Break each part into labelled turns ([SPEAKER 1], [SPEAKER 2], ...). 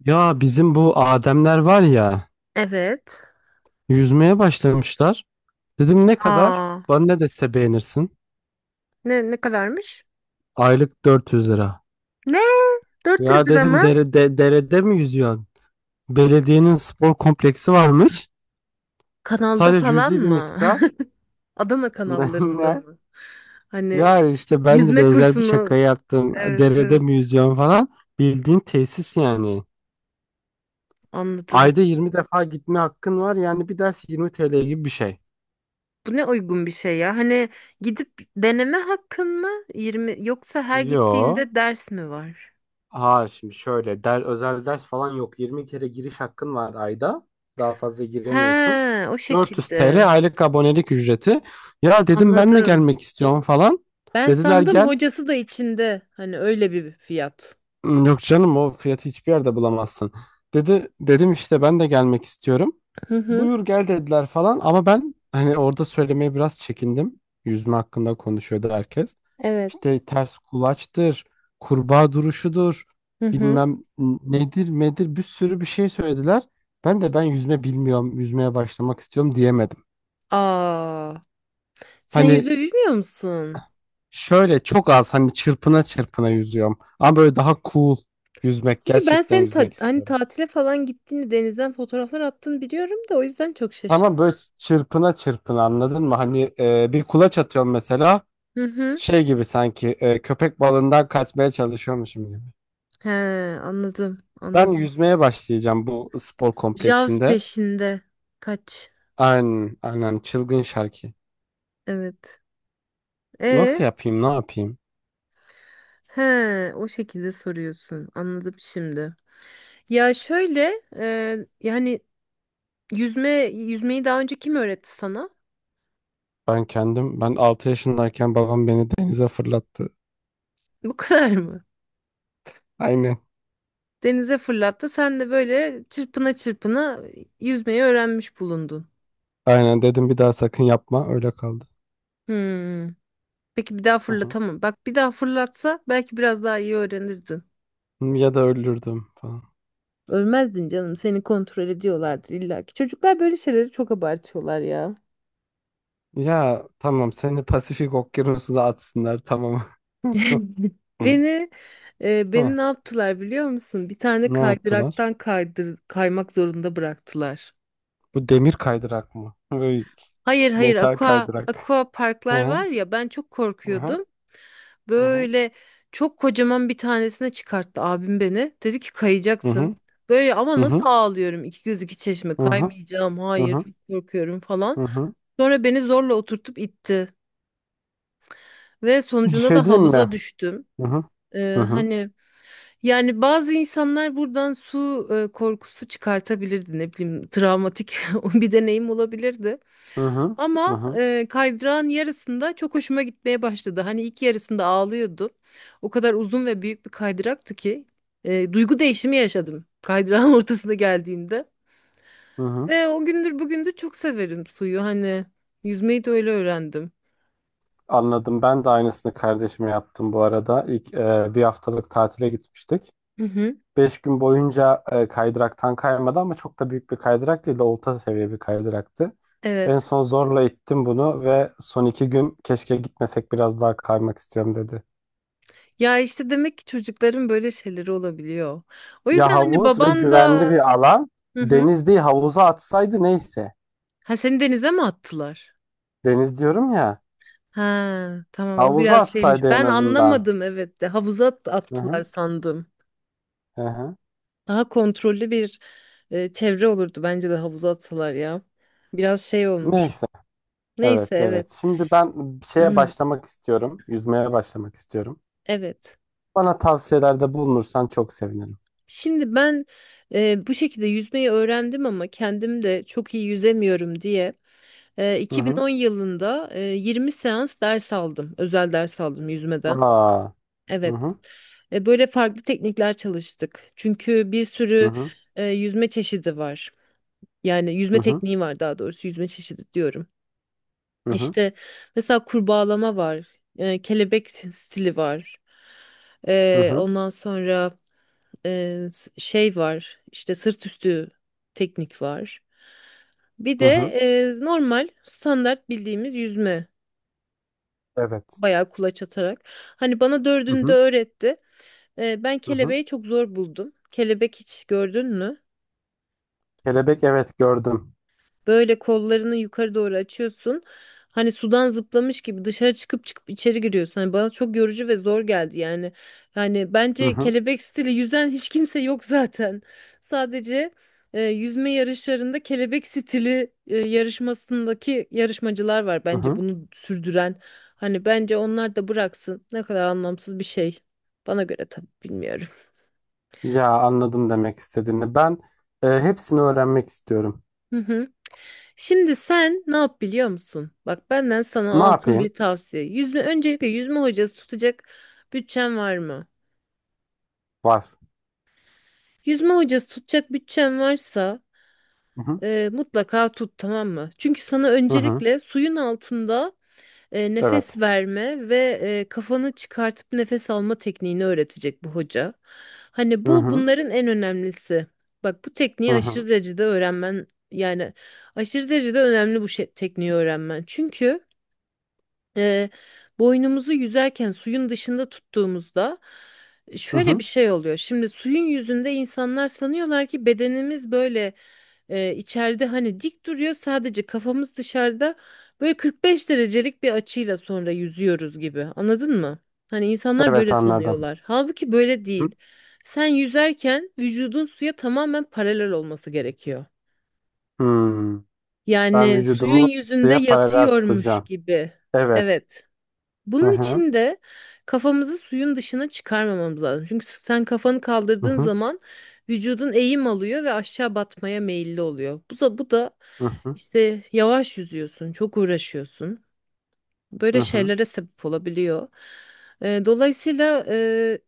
[SPEAKER 1] Ya bizim bu Ademler var ya
[SPEAKER 2] Evet.
[SPEAKER 1] yüzmeye başlamışlar. Dedim ne kadar?
[SPEAKER 2] Aa,
[SPEAKER 1] Bana ne dese beğenirsin.
[SPEAKER 2] ne kadarmış?
[SPEAKER 1] Aylık 400 lira.
[SPEAKER 2] Ne? 400
[SPEAKER 1] Ya
[SPEAKER 2] lira mı?
[SPEAKER 1] dedim derede mi yüzüyorsun? Belediyenin spor kompleksi varmış.
[SPEAKER 2] Kanalda
[SPEAKER 1] Sadece
[SPEAKER 2] falan
[SPEAKER 1] cüzi bir
[SPEAKER 2] mı?
[SPEAKER 1] miktar.
[SPEAKER 2] Adana
[SPEAKER 1] Ne?
[SPEAKER 2] kanallarında
[SPEAKER 1] Ne?
[SPEAKER 2] mı? Hani
[SPEAKER 1] Ya işte ben de
[SPEAKER 2] yüzme
[SPEAKER 1] benzer bir şaka
[SPEAKER 2] kursunu.
[SPEAKER 1] yaptım.
[SPEAKER 2] Evet,
[SPEAKER 1] Derede
[SPEAKER 2] evet,
[SPEAKER 1] mi yüzüyorsun falan. Bildiğin tesis yani.
[SPEAKER 2] anladım.
[SPEAKER 1] Ayda 20 defa gitme hakkın var. Yani bir ders 20 TL gibi bir şey.
[SPEAKER 2] Bu ne uygun bir şey ya? Hani gidip deneme hakkın mı? 20 yoksa her
[SPEAKER 1] Yo.
[SPEAKER 2] gittiğinde ders mi var?
[SPEAKER 1] Ha şimdi şöyle der, özel ders falan yok. 20 kere giriş hakkın var ayda. Daha fazla giremiyorsun.
[SPEAKER 2] He, o
[SPEAKER 1] 400
[SPEAKER 2] şekilde.
[SPEAKER 1] TL aylık abonelik ücreti. Ya dedim ben de
[SPEAKER 2] Anladım.
[SPEAKER 1] gelmek istiyorum falan.
[SPEAKER 2] Ben
[SPEAKER 1] Dediler
[SPEAKER 2] sandım
[SPEAKER 1] gel.
[SPEAKER 2] hocası da içinde. Hani öyle bir fiyat.
[SPEAKER 1] "Hmm, yok canım o fiyatı hiçbir yerde bulamazsın. Dedi dedim işte ben de gelmek istiyorum.
[SPEAKER 2] Hı hı.
[SPEAKER 1] Buyur gel dediler falan ama ben hani orada söylemeye biraz çekindim. Yüzme hakkında konuşuyordu herkes.
[SPEAKER 2] Evet.
[SPEAKER 1] İşte ters kulaçtır, kurbağa duruşudur,
[SPEAKER 2] Hı hı.
[SPEAKER 1] bilmem nedir medir bir sürü bir şey söylediler. Ben yüzme bilmiyorum, yüzmeye başlamak istiyorum diyemedim.
[SPEAKER 2] Aa. Sen
[SPEAKER 1] Hani
[SPEAKER 2] yüzme bilmiyor musun?
[SPEAKER 1] şöyle çok az hani çırpına çırpına yüzüyorum. Ama böyle daha cool yüzmek,
[SPEAKER 2] Çünkü ben
[SPEAKER 1] gerçekten
[SPEAKER 2] senin
[SPEAKER 1] yüzmek
[SPEAKER 2] hani
[SPEAKER 1] istiyorum.
[SPEAKER 2] tatile falan gittiğini, denizden fotoğraflar attığını biliyorum da o yüzden çok şaşırdım.
[SPEAKER 1] Ama böyle çırpına çırpına anladın mı? Hani bir kulaç atıyorum mesela.
[SPEAKER 2] Hı hı.
[SPEAKER 1] Şey gibi sanki köpek balığından kaçmaya çalışıyormuşum gibi.
[SPEAKER 2] He, anladım,
[SPEAKER 1] Ben
[SPEAKER 2] anladım.
[SPEAKER 1] yüzmeye başlayacağım bu spor
[SPEAKER 2] Jaws
[SPEAKER 1] kompleksinde.
[SPEAKER 2] peşinde. Kaç.
[SPEAKER 1] Aynen, aynen çılgın şarkı.
[SPEAKER 2] Evet. E,
[SPEAKER 1] Nasıl yapayım, ne yapayım?
[SPEAKER 2] he, o şekilde soruyorsun. Anladım şimdi. Ya şöyle, yani yüzmeyi daha önce kim öğretti sana?
[SPEAKER 1] Ben kendim, ben 6 yaşındayken babam beni denize fırlattı.
[SPEAKER 2] Bu kadar mı?
[SPEAKER 1] Aynen.
[SPEAKER 2] Denize fırlattı, sen de böyle çırpına çırpına yüzmeyi öğrenmiş bulundun.
[SPEAKER 1] Aynen dedim bir daha sakın yapma, öyle kaldı.
[SPEAKER 2] Hmm. Peki bir daha
[SPEAKER 1] Hı hı.
[SPEAKER 2] fırlatamam. Bak, bir daha fırlatsa belki biraz daha iyi öğrenirdin.
[SPEAKER 1] Ya da öldürdüm falan.
[SPEAKER 2] Ölmezdin canım. Seni kontrol ediyorlardır illa ki. Çocuklar böyle şeyleri çok abartıyorlar ya.
[SPEAKER 1] Ya tamam seni Pasifik Okyanusu'na atsınlar tamam.
[SPEAKER 2] Beni beni
[SPEAKER 1] Heh,
[SPEAKER 2] ne yaptılar biliyor musun? Bir tane
[SPEAKER 1] ne yaptılar?
[SPEAKER 2] kaydıraktan kaymak zorunda bıraktılar.
[SPEAKER 1] Bu demir kaydırak mı? Böyle
[SPEAKER 2] Hayır, hayır,
[SPEAKER 1] metal
[SPEAKER 2] aqua
[SPEAKER 1] kaydırak.
[SPEAKER 2] aqua
[SPEAKER 1] Hı
[SPEAKER 2] parklar var
[SPEAKER 1] hı.
[SPEAKER 2] ya, ben çok
[SPEAKER 1] Hı hı.
[SPEAKER 2] korkuyordum.
[SPEAKER 1] Hı hı.
[SPEAKER 2] Böyle çok kocaman bir tanesine çıkarttı abim beni. Dedi ki
[SPEAKER 1] Hı hı.
[SPEAKER 2] kayacaksın. Böyle ama
[SPEAKER 1] Hı hı.
[SPEAKER 2] nasıl ağlıyorum, iki göz iki çeşme, kaymayacağım,
[SPEAKER 1] Hı
[SPEAKER 2] hayır,
[SPEAKER 1] hı.
[SPEAKER 2] çok korkuyorum falan.
[SPEAKER 1] Hı hı.
[SPEAKER 2] Sonra beni zorla oturtup itti ve
[SPEAKER 1] Bir
[SPEAKER 2] sonucunda
[SPEAKER 1] şey
[SPEAKER 2] da
[SPEAKER 1] diyeyim mi?
[SPEAKER 2] havuza düştüm.
[SPEAKER 1] Hı hı. Hı
[SPEAKER 2] Ee,
[SPEAKER 1] hı.
[SPEAKER 2] hani yani bazı insanlar buradan su korkusu çıkartabilirdi, ne bileyim, travmatik bir deneyim olabilirdi.
[SPEAKER 1] Hı hı. Hı
[SPEAKER 2] Ama
[SPEAKER 1] hı.
[SPEAKER 2] kaydırağın yarısında çok hoşuma gitmeye başladı. Hani ilk yarısında ağlıyordum. O kadar uzun ve büyük bir kaydıraktı ki duygu değişimi yaşadım kaydırağın ortasına geldiğimde.
[SPEAKER 1] Hı hı.
[SPEAKER 2] Ve o gündür bugündür çok severim suyu. Hani yüzmeyi de öyle öğrendim.
[SPEAKER 1] Anladım. Ben de aynısını kardeşime yaptım bu arada. İlk bir haftalık tatile gitmiştik.
[SPEAKER 2] Hı hı.
[SPEAKER 1] 5 gün boyunca kaydıraktan kaymadı ama çok da büyük bir kaydırak değil de orta seviye bir kaydıraktı. En
[SPEAKER 2] Evet.
[SPEAKER 1] son zorla ittim bunu ve son 2 gün keşke gitmesek biraz daha kaymak istiyorum dedi.
[SPEAKER 2] Ya işte demek ki çocukların böyle şeyleri olabiliyor. O
[SPEAKER 1] Ya
[SPEAKER 2] yüzden hani
[SPEAKER 1] havuz ve
[SPEAKER 2] baban da.
[SPEAKER 1] güvenli bir alan.
[SPEAKER 2] Hı hı.
[SPEAKER 1] Deniz değil havuza atsaydı neyse.
[SPEAKER 2] Ha, seni denize mi attılar?
[SPEAKER 1] Deniz diyorum ya.
[SPEAKER 2] Ha tamam, o
[SPEAKER 1] Havuza
[SPEAKER 2] biraz şeymiş.
[SPEAKER 1] atsaydı en
[SPEAKER 2] Ben
[SPEAKER 1] azından.
[SPEAKER 2] anlamadım, evet de havuza at-
[SPEAKER 1] Hı
[SPEAKER 2] attılar
[SPEAKER 1] hı,
[SPEAKER 2] sandım.
[SPEAKER 1] hı hı.
[SPEAKER 2] Daha kontrollü bir çevre olurdu, bence de havuza atsalar ya. Biraz şey olmuş.
[SPEAKER 1] Neyse.
[SPEAKER 2] Neyse,
[SPEAKER 1] Evet evet.
[SPEAKER 2] evet.
[SPEAKER 1] Şimdi ben bir şeye başlamak istiyorum. Yüzmeye başlamak istiyorum.
[SPEAKER 2] Evet.
[SPEAKER 1] Bana tavsiyelerde bulunursan çok sevinirim.
[SPEAKER 2] Şimdi ben bu şekilde yüzmeyi öğrendim ama kendim de çok iyi yüzemiyorum diye
[SPEAKER 1] Hı hı.
[SPEAKER 2] 2010 yılında 20 seans ders aldım. Özel ders aldım yüzmeden.
[SPEAKER 1] Aa. Hı
[SPEAKER 2] Evet.
[SPEAKER 1] hı.
[SPEAKER 2] Böyle farklı teknikler çalıştık. Çünkü bir
[SPEAKER 1] Hı
[SPEAKER 2] sürü
[SPEAKER 1] hı.
[SPEAKER 2] yüzme çeşidi var. Yani
[SPEAKER 1] Hı
[SPEAKER 2] yüzme
[SPEAKER 1] hı.
[SPEAKER 2] tekniği var, daha doğrusu yüzme çeşidi diyorum.
[SPEAKER 1] Hı hı.
[SPEAKER 2] İşte mesela kurbağalama var. Kelebek stili var.
[SPEAKER 1] Hı
[SPEAKER 2] E,
[SPEAKER 1] hı.
[SPEAKER 2] ondan sonra şey var. İşte sırt üstü teknik var. Bir
[SPEAKER 1] Hı
[SPEAKER 2] de
[SPEAKER 1] hı.
[SPEAKER 2] normal standart bildiğimiz yüzme.
[SPEAKER 1] Evet.
[SPEAKER 2] Bayağı kulaç atarak. Hani bana
[SPEAKER 1] Hı
[SPEAKER 2] dördünü de
[SPEAKER 1] hı.
[SPEAKER 2] öğretti. Ben
[SPEAKER 1] Hı hı.
[SPEAKER 2] kelebeği çok zor buldum. Kelebek hiç gördün mü?
[SPEAKER 1] Kelebek evet gördüm.
[SPEAKER 2] Böyle kollarını yukarı doğru açıyorsun. Hani sudan zıplamış gibi dışarı çıkıp çıkıp içeri giriyorsun. Hani bana çok yorucu ve zor geldi yani. Yani
[SPEAKER 1] Hı
[SPEAKER 2] bence
[SPEAKER 1] hı.
[SPEAKER 2] kelebek stili yüzen hiç kimse yok zaten. Sadece yüzme yarışlarında kelebek stili yarışmasındaki yarışmacılar var
[SPEAKER 1] Hı
[SPEAKER 2] bence
[SPEAKER 1] hı.
[SPEAKER 2] bunu sürdüren. Hani bence onlar da bıraksın. Ne kadar anlamsız bir şey. Bana göre tabii, bilmiyorum.
[SPEAKER 1] Ya anladım demek istediğini. Ben hepsini öğrenmek istiyorum.
[SPEAKER 2] Şimdi sen ne yap biliyor musun? Bak, benden sana
[SPEAKER 1] Ne
[SPEAKER 2] altın
[SPEAKER 1] yapayım?
[SPEAKER 2] bir tavsiye. Yüzme öncelikle yüzme hocası tutacak bütçen var mı?
[SPEAKER 1] Var.
[SPEAKER 2] Yüzme hocası tutacak bütçen varsa
[SPEAKER 1] Hı hı.
[SPEAKER 2] mutlaka tut, tamam mı? Çünkü sana
[SPEAKER 1] Hı hı.
[SPEAKER 2] öncelikle suyun altında
[SPEAKER 1] Evet.
[SPEAKER 2] nefes verme ve kafanı çıkartıp nefes alma tekniğini öğretecek bu hoca. Hani
[SPEAKER 1] Hı
[SPEAKER 2] bu
[SPEAKER 1] hı.
[SPEAKER 2] bunların en önemlisi. Bak, bu
[SPEAKER 1] Hı
[SPEAKER 2] tekniği
[SPEAKER 1] hı.
[SPEAKER 2] aşırı derecede öğrenmen, yani aşırı derecede önemli bu şey, tekniği öğrenmen. Çünkü e, boynumuzu yüzerken suyun dışında tuttuğumuzda
[SPEAKER 1] Hı
[SPEAKER 2] şöyle
[SPEAKER 1] hı.
[SPEAKER 2] bir şey oluyor. Şimdi suyun yüzünde insanlar sanıyorlar ki bedenimiz böyle içeride hani dik duruyor, sadece kafamız dışarıda, böyle 45 derecelik bir açıyla sonra yüzüyoruz gibi. Anladın mı? Hani insanlar
[SPEAKER 1] Evet
[SPEAKER 2] böyle
[SPEAKER 1] anladım.
[SPEAKER 2] sanıyorlar. Halbuki böyle
[SPEAKER 1] Hı hı.
[SPEAKER 2] değil. Sen yüzerken vücudun suya tamamen paralel olması gerekiyor.
[SPEAKER 1] Hmm. Ben
[SPEAKER 2] Yani suyun
[SPEAKER 1] vücudumu
[SPEAKER 2] yüzünde
[SPEAKER 1] suya paralel
[SPEAKER 2] yatıyormuş
[SPEAKER 1] tutacağım.
[SPEAKER 2] gibi.
[SPEAKER 1] Evet.
[SPEAKER 2] Evet.
[SPEAKER 1] Hı
[SPEAKER 2] Bunun
[SPEAKER 1] hı.
[SPEAKER 2] için de kafamızı suyun dışına çıkarmamamız lazım. Çünkü sen kafanı
[SPEAKER 1] Hı
[SPEAKER 2] kaldırdığın
[SPEAKER 1] hı.
[SPEAKER 2] zaman vücudun eğim alıyor ve aşağı batmaya meyilli oluyor. Bu da
[SPEAKER 1] Hı hı.
[SPEAKER 2] işte yavaş yüzüyorsun, çok uğraşıyorsun. Böyle
[SPEAKER 1] Hı hı.
[SPEAKER 2] şeylere sebep olabiliyor. Dolayısıyla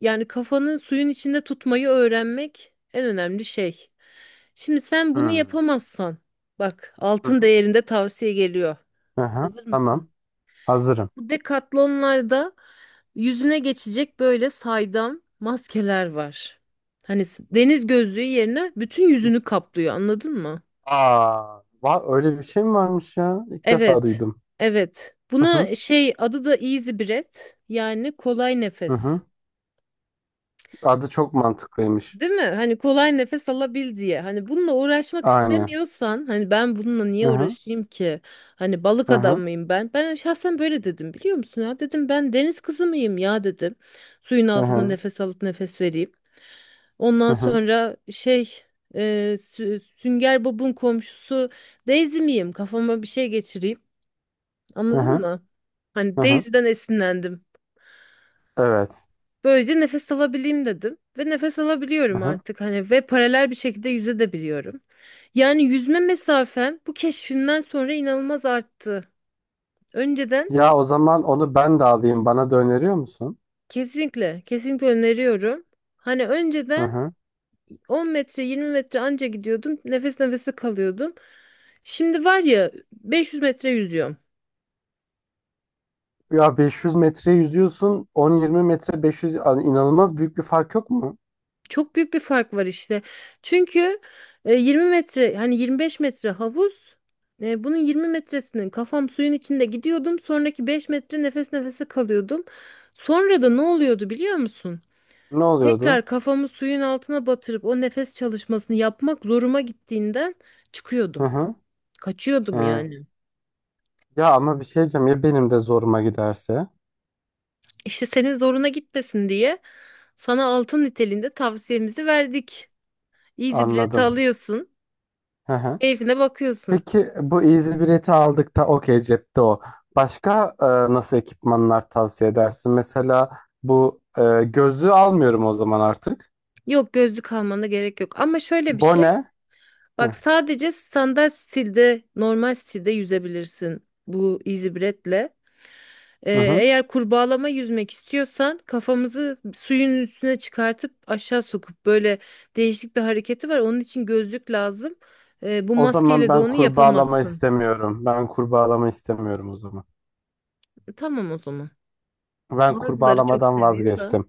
[SPEAKER 2] yani kafanı suyun içinde tutmayı öğrenmek en önemli şey. Şimdi sen bunu
[SPEAKER 1] Hmm.
[SPEAKER 2] yapamazsan, bak
[SPEAKER 1] Hı
[SPEAKER 2] altın
[SPEAKER 1] hı.
[SPEAKER 2] değerinde tavsiye geliyor.
[SPEAKER 1] Hı hı.
[SPEAKER 2] Hazır mısın?
[SPEAKER 1] Tamam. Hazırım.
[SPEAKER 2] Bu Decathlon'larda yüzüne geçecek böyle saydam maskeler var. Hani deniz gözlüğü yerine bütün yüzünü kaplıyor, anladın mı?
[SPEAKER 1] Aa, va öyle bir şey mi varmış ya? İlk defa
[SPEAKER 2] Evet.
[SPEAKER 1] duydum.
[SPEAKER 2] Evet.
[SPEAKER 1] Hı hı.
[SPEAKER 2] Buna şey, adı da Easy Breath, yani kolay
[SPEAKER 1] Hı
[SPEAKER 2] nefes.
[SPEAKER 1] hı. Adı çok mantıklıymış.
[SPEAKER 2] Değil mi? Hani kolay nefes alabil diye. Hani bununla uğraşmak
[SPEAKER 1] Aynen.
[SPEAKER 2] istemiyorsan, hani ben bununla niye
[SPEAKER 1] Hı hı.
[SPEAKER 2] uğraşayım ki? Hani balık
[SPEAKER 1] Hı
[SPEAKER 2] adam
[SPEAKER 1] hı.
[SPEAKER 2] mıyım ben? Ben şahsen böyle dedim, biliyor musun ya? Dedim ben deniz kızı mıyım ya, dedim. Suyun
[SPEAKER 1] Hı
[SPEAKER 2] altında
[SPEAKER 1] hı.
[SPEAKER 2] nefes alıp nefes vereyim.
[SPEAKER 1] Hı
[SPEAKER 2] Ondan
[SPEAKER 1] hı.
[SPEAKER 2] sonra şey e, Sünger Bob'un komşusu Daisy miyim? Kafama bir şey geçireyim.
[SPEAKER 1] Hı
[SPEAKER 2] Anladın
[SPEAKER 1] hı.
[SPEAKER 2] mı? Hani
[SPEAKER 1] Hı hı.
[SPEAKER 2] Daisy'den esinlendim.
[SPEAKER 1] Evet.
[SPEAKER 2] Böylece nefes alabileyim dedim. Ve nefes
[SPEAKER 1] Hı
[SPEAKER 2] alabiliyorum
[SPEAKER 1] hı.
[SPEAKER 2] artık. Hani ve paralel bir şekilde yüze de biliyorum. Yani yüzme mesafem bu keşfimden sonra inanılmaz arttı. Önceden
[SPEAKER 1] Ya o zaman onu ben de alayım. Bana da öneriyor musun?
[SPEAKER 2] kesinlikle, kesinlikle öneriyorum. Hani
[SPEAKER 1] Hı
[SPEAKER 2] önceden
[SPEAKER 1] hı.
[SPEAKER 2] 10 metre 20 metre anca gidiyordum. Nefes nefese kalıyordum. Şimdi var ya, 500 metre yüzüyorum.
[SPEAKER 1] Ya 500 metre yüzüyorsun, 10-20 metre 500 yani inanılmaz büyük bir fark yok mu?
[SPEAKER 2] Çok büyük bir fark var işte. Çünkü 20 metre, hani 25 metre havuz. Bunun 20 metresinin kafam suyun içinde gidiyordum. Sonraki 5 metre nefes nefese kalıyordum. Sonra da ne oluyordu biliyor musun?
[SPEAKER 1] Ne oluyordu?
[SPEAKER 2] Tekrar kafamı suyun altına batırıp o nefes çalışmasını yapmak zoruma gittiğinden
[SPEAKER 1] Hı
[SPEAKER 2] çıkıyordum.
[SPEAKER 1] hı.
[SPEAKER 2] Kaçıyordum
[SPEAKER 1] Hı.
[SPEAKER 2] yani.
[SPEAKER 1] Ya ama bir şey diyeceğim ya benim de zoruma giderse.
[SPEAKER 2] İşte senin zoruna gitmesin diye sana altın niteliğinde tavsiyemizi verdik. Easy Breath'i
[SPEAKER 1] Anladım.
[SPEAKER 2] alıyorsun,
[SPEAKER 1] Hı hı.
[SPEAKER 2] keyfine bakıyorsun.
[SPEAKER 1] Peki bu easy bileti aldık da okey cepte o. Başka nasıl ekipmanlar tavsiye edersin? Mesela bu gözlüğü almıyorum o zaman artık.
[SPEAKER 2] Yok, gözlük almana gerek yok. Ama şöyle bir şey,
[SPEAKER 1] Bone.
[SPEAKER 2] bak
[SPEAKER 1] Hı
[SPEAKER 2] sadece standart stilde, normal stilde yüzebilirsin bu Easy Breath'le. Ee,
[SPEAKER 1] hı. Hı.
[SPEAKER 2] eğer kurbağalama yüzmek istiyorsan kafamızı suyun üstüne çıkartıp aşağı sokup böyle değişik bir hareketi var. Onun için gözlük lazım. Bu
[SPEAKER 1] O zaman
[SPEAKER 2] maskeyle de
[SPEAKER 1] ben
[SPEAKER 2] onu
[SPEAKER 1] kurbağalama
[SPEAKER 2] yapamazsın.
[SPEAKER 1] istemiyorum. Ben kurbağalama istemiyorum o zaman.
[SPEAKER 2] Tamam o zaman.
[SPEAKER 1] Ben
[SPEAKER 2] Bazıları çok
[SPEAKER 1] kurbağalamadan
[SPEAKER 2] seviyor da.
[SPEAKER 1] vazgeçtim.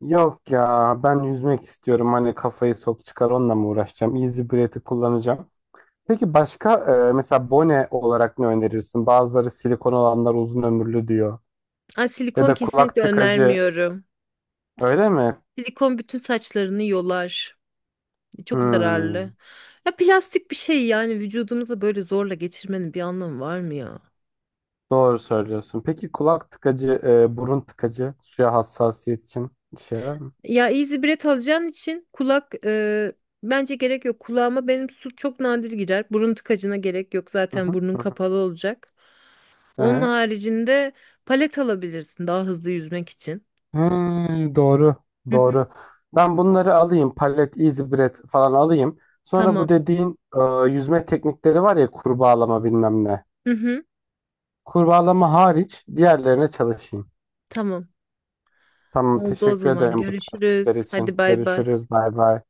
[SPEAKER 1] Yok ya ben yüzmek istiyorum. Hani kafayı sok çıkar onunla mı uğraşacağım? Easy Breath'i kullanacağım. Peki başka mesela bone olarak ne önerirsin? Bazıları silikon olanlar uzun ömürlü diyor.
[SPEAKER 2] Ay,
[SPEAKER 1] Ya
[SPEAKER 2] silikon
[SPEAKER 1] da kulak
[SPEAKER 2] kesinlikle
[SPEAKER 1] tıkacı
[SPEAKER 2] önermiyorum.
[SPEAKER 1] öyle mi?
[SPEAKER 2] Silikon bütün saçlarını yolar. Çok zararlı.
[SPEAKER 1] Hmm,
[SPEAKER 2] Ya plastik bir şey, yani vücudumuza böyle zorla geçirmenin bir anlamı var mı ya?
[SPEAKER 1] doğru söylüyorsun. Peki kulak tıkacı, burun tıkacı suya hassasiyet için işe yarar mı?
[SPEAKER 2] Ya Easy Breath alacağın için kulak bence gerek yok. Kulağıma benim su çok nadir girer. Burun tıkacına gerek yok.
[SPEAKER 1] Hı
[SPEAKER 2] Zaten
[SPEAKER 1] hı,
[SPEAKER 2] burnun
[SPEAKER 1] hı hı.
[SPEAKER 2] kapalı olacak. Onun
[SPEAKER 1] Ehe.
[SPEAKER 2] haricinde palet alabilirsin daha hızlı yüzmek için.
[SPEAKER 1] Hmm, doğru,
[SPEAKER 2] Hı hı.
[SPEAKER 1] doğru. Ben bunları alayım, palet, easy bread falan alayım. Sonra bu
[SPEAKER 2] Tamam.
[SPEAKER 1] dediğin yüzme teknikleri var ya kurbağalama bilmem ne.
[SPEAKER 2] Hı hı.
[SPEAKER 1] Kurbağalama hariç diğerlerine çalışayım.
[SPEAKER 2] Tamam.
[SPEAKER 1] Tamam,
[SPEAKER 2] Oldu o
[SPEAKER 1] teşekkür
[SPEAKER 2] zaman.
[SPEAKER 1] ederim bu
[SPEAKER 2] Görüşürüz.
[SPEAKER 1] tavsiyeler
[SPEAKER 2] Hadi
[SPEAKER 1] için.
[SPEAKER 2] bay bay.
[SPEAKER 1] Görüşürüz, bay bay.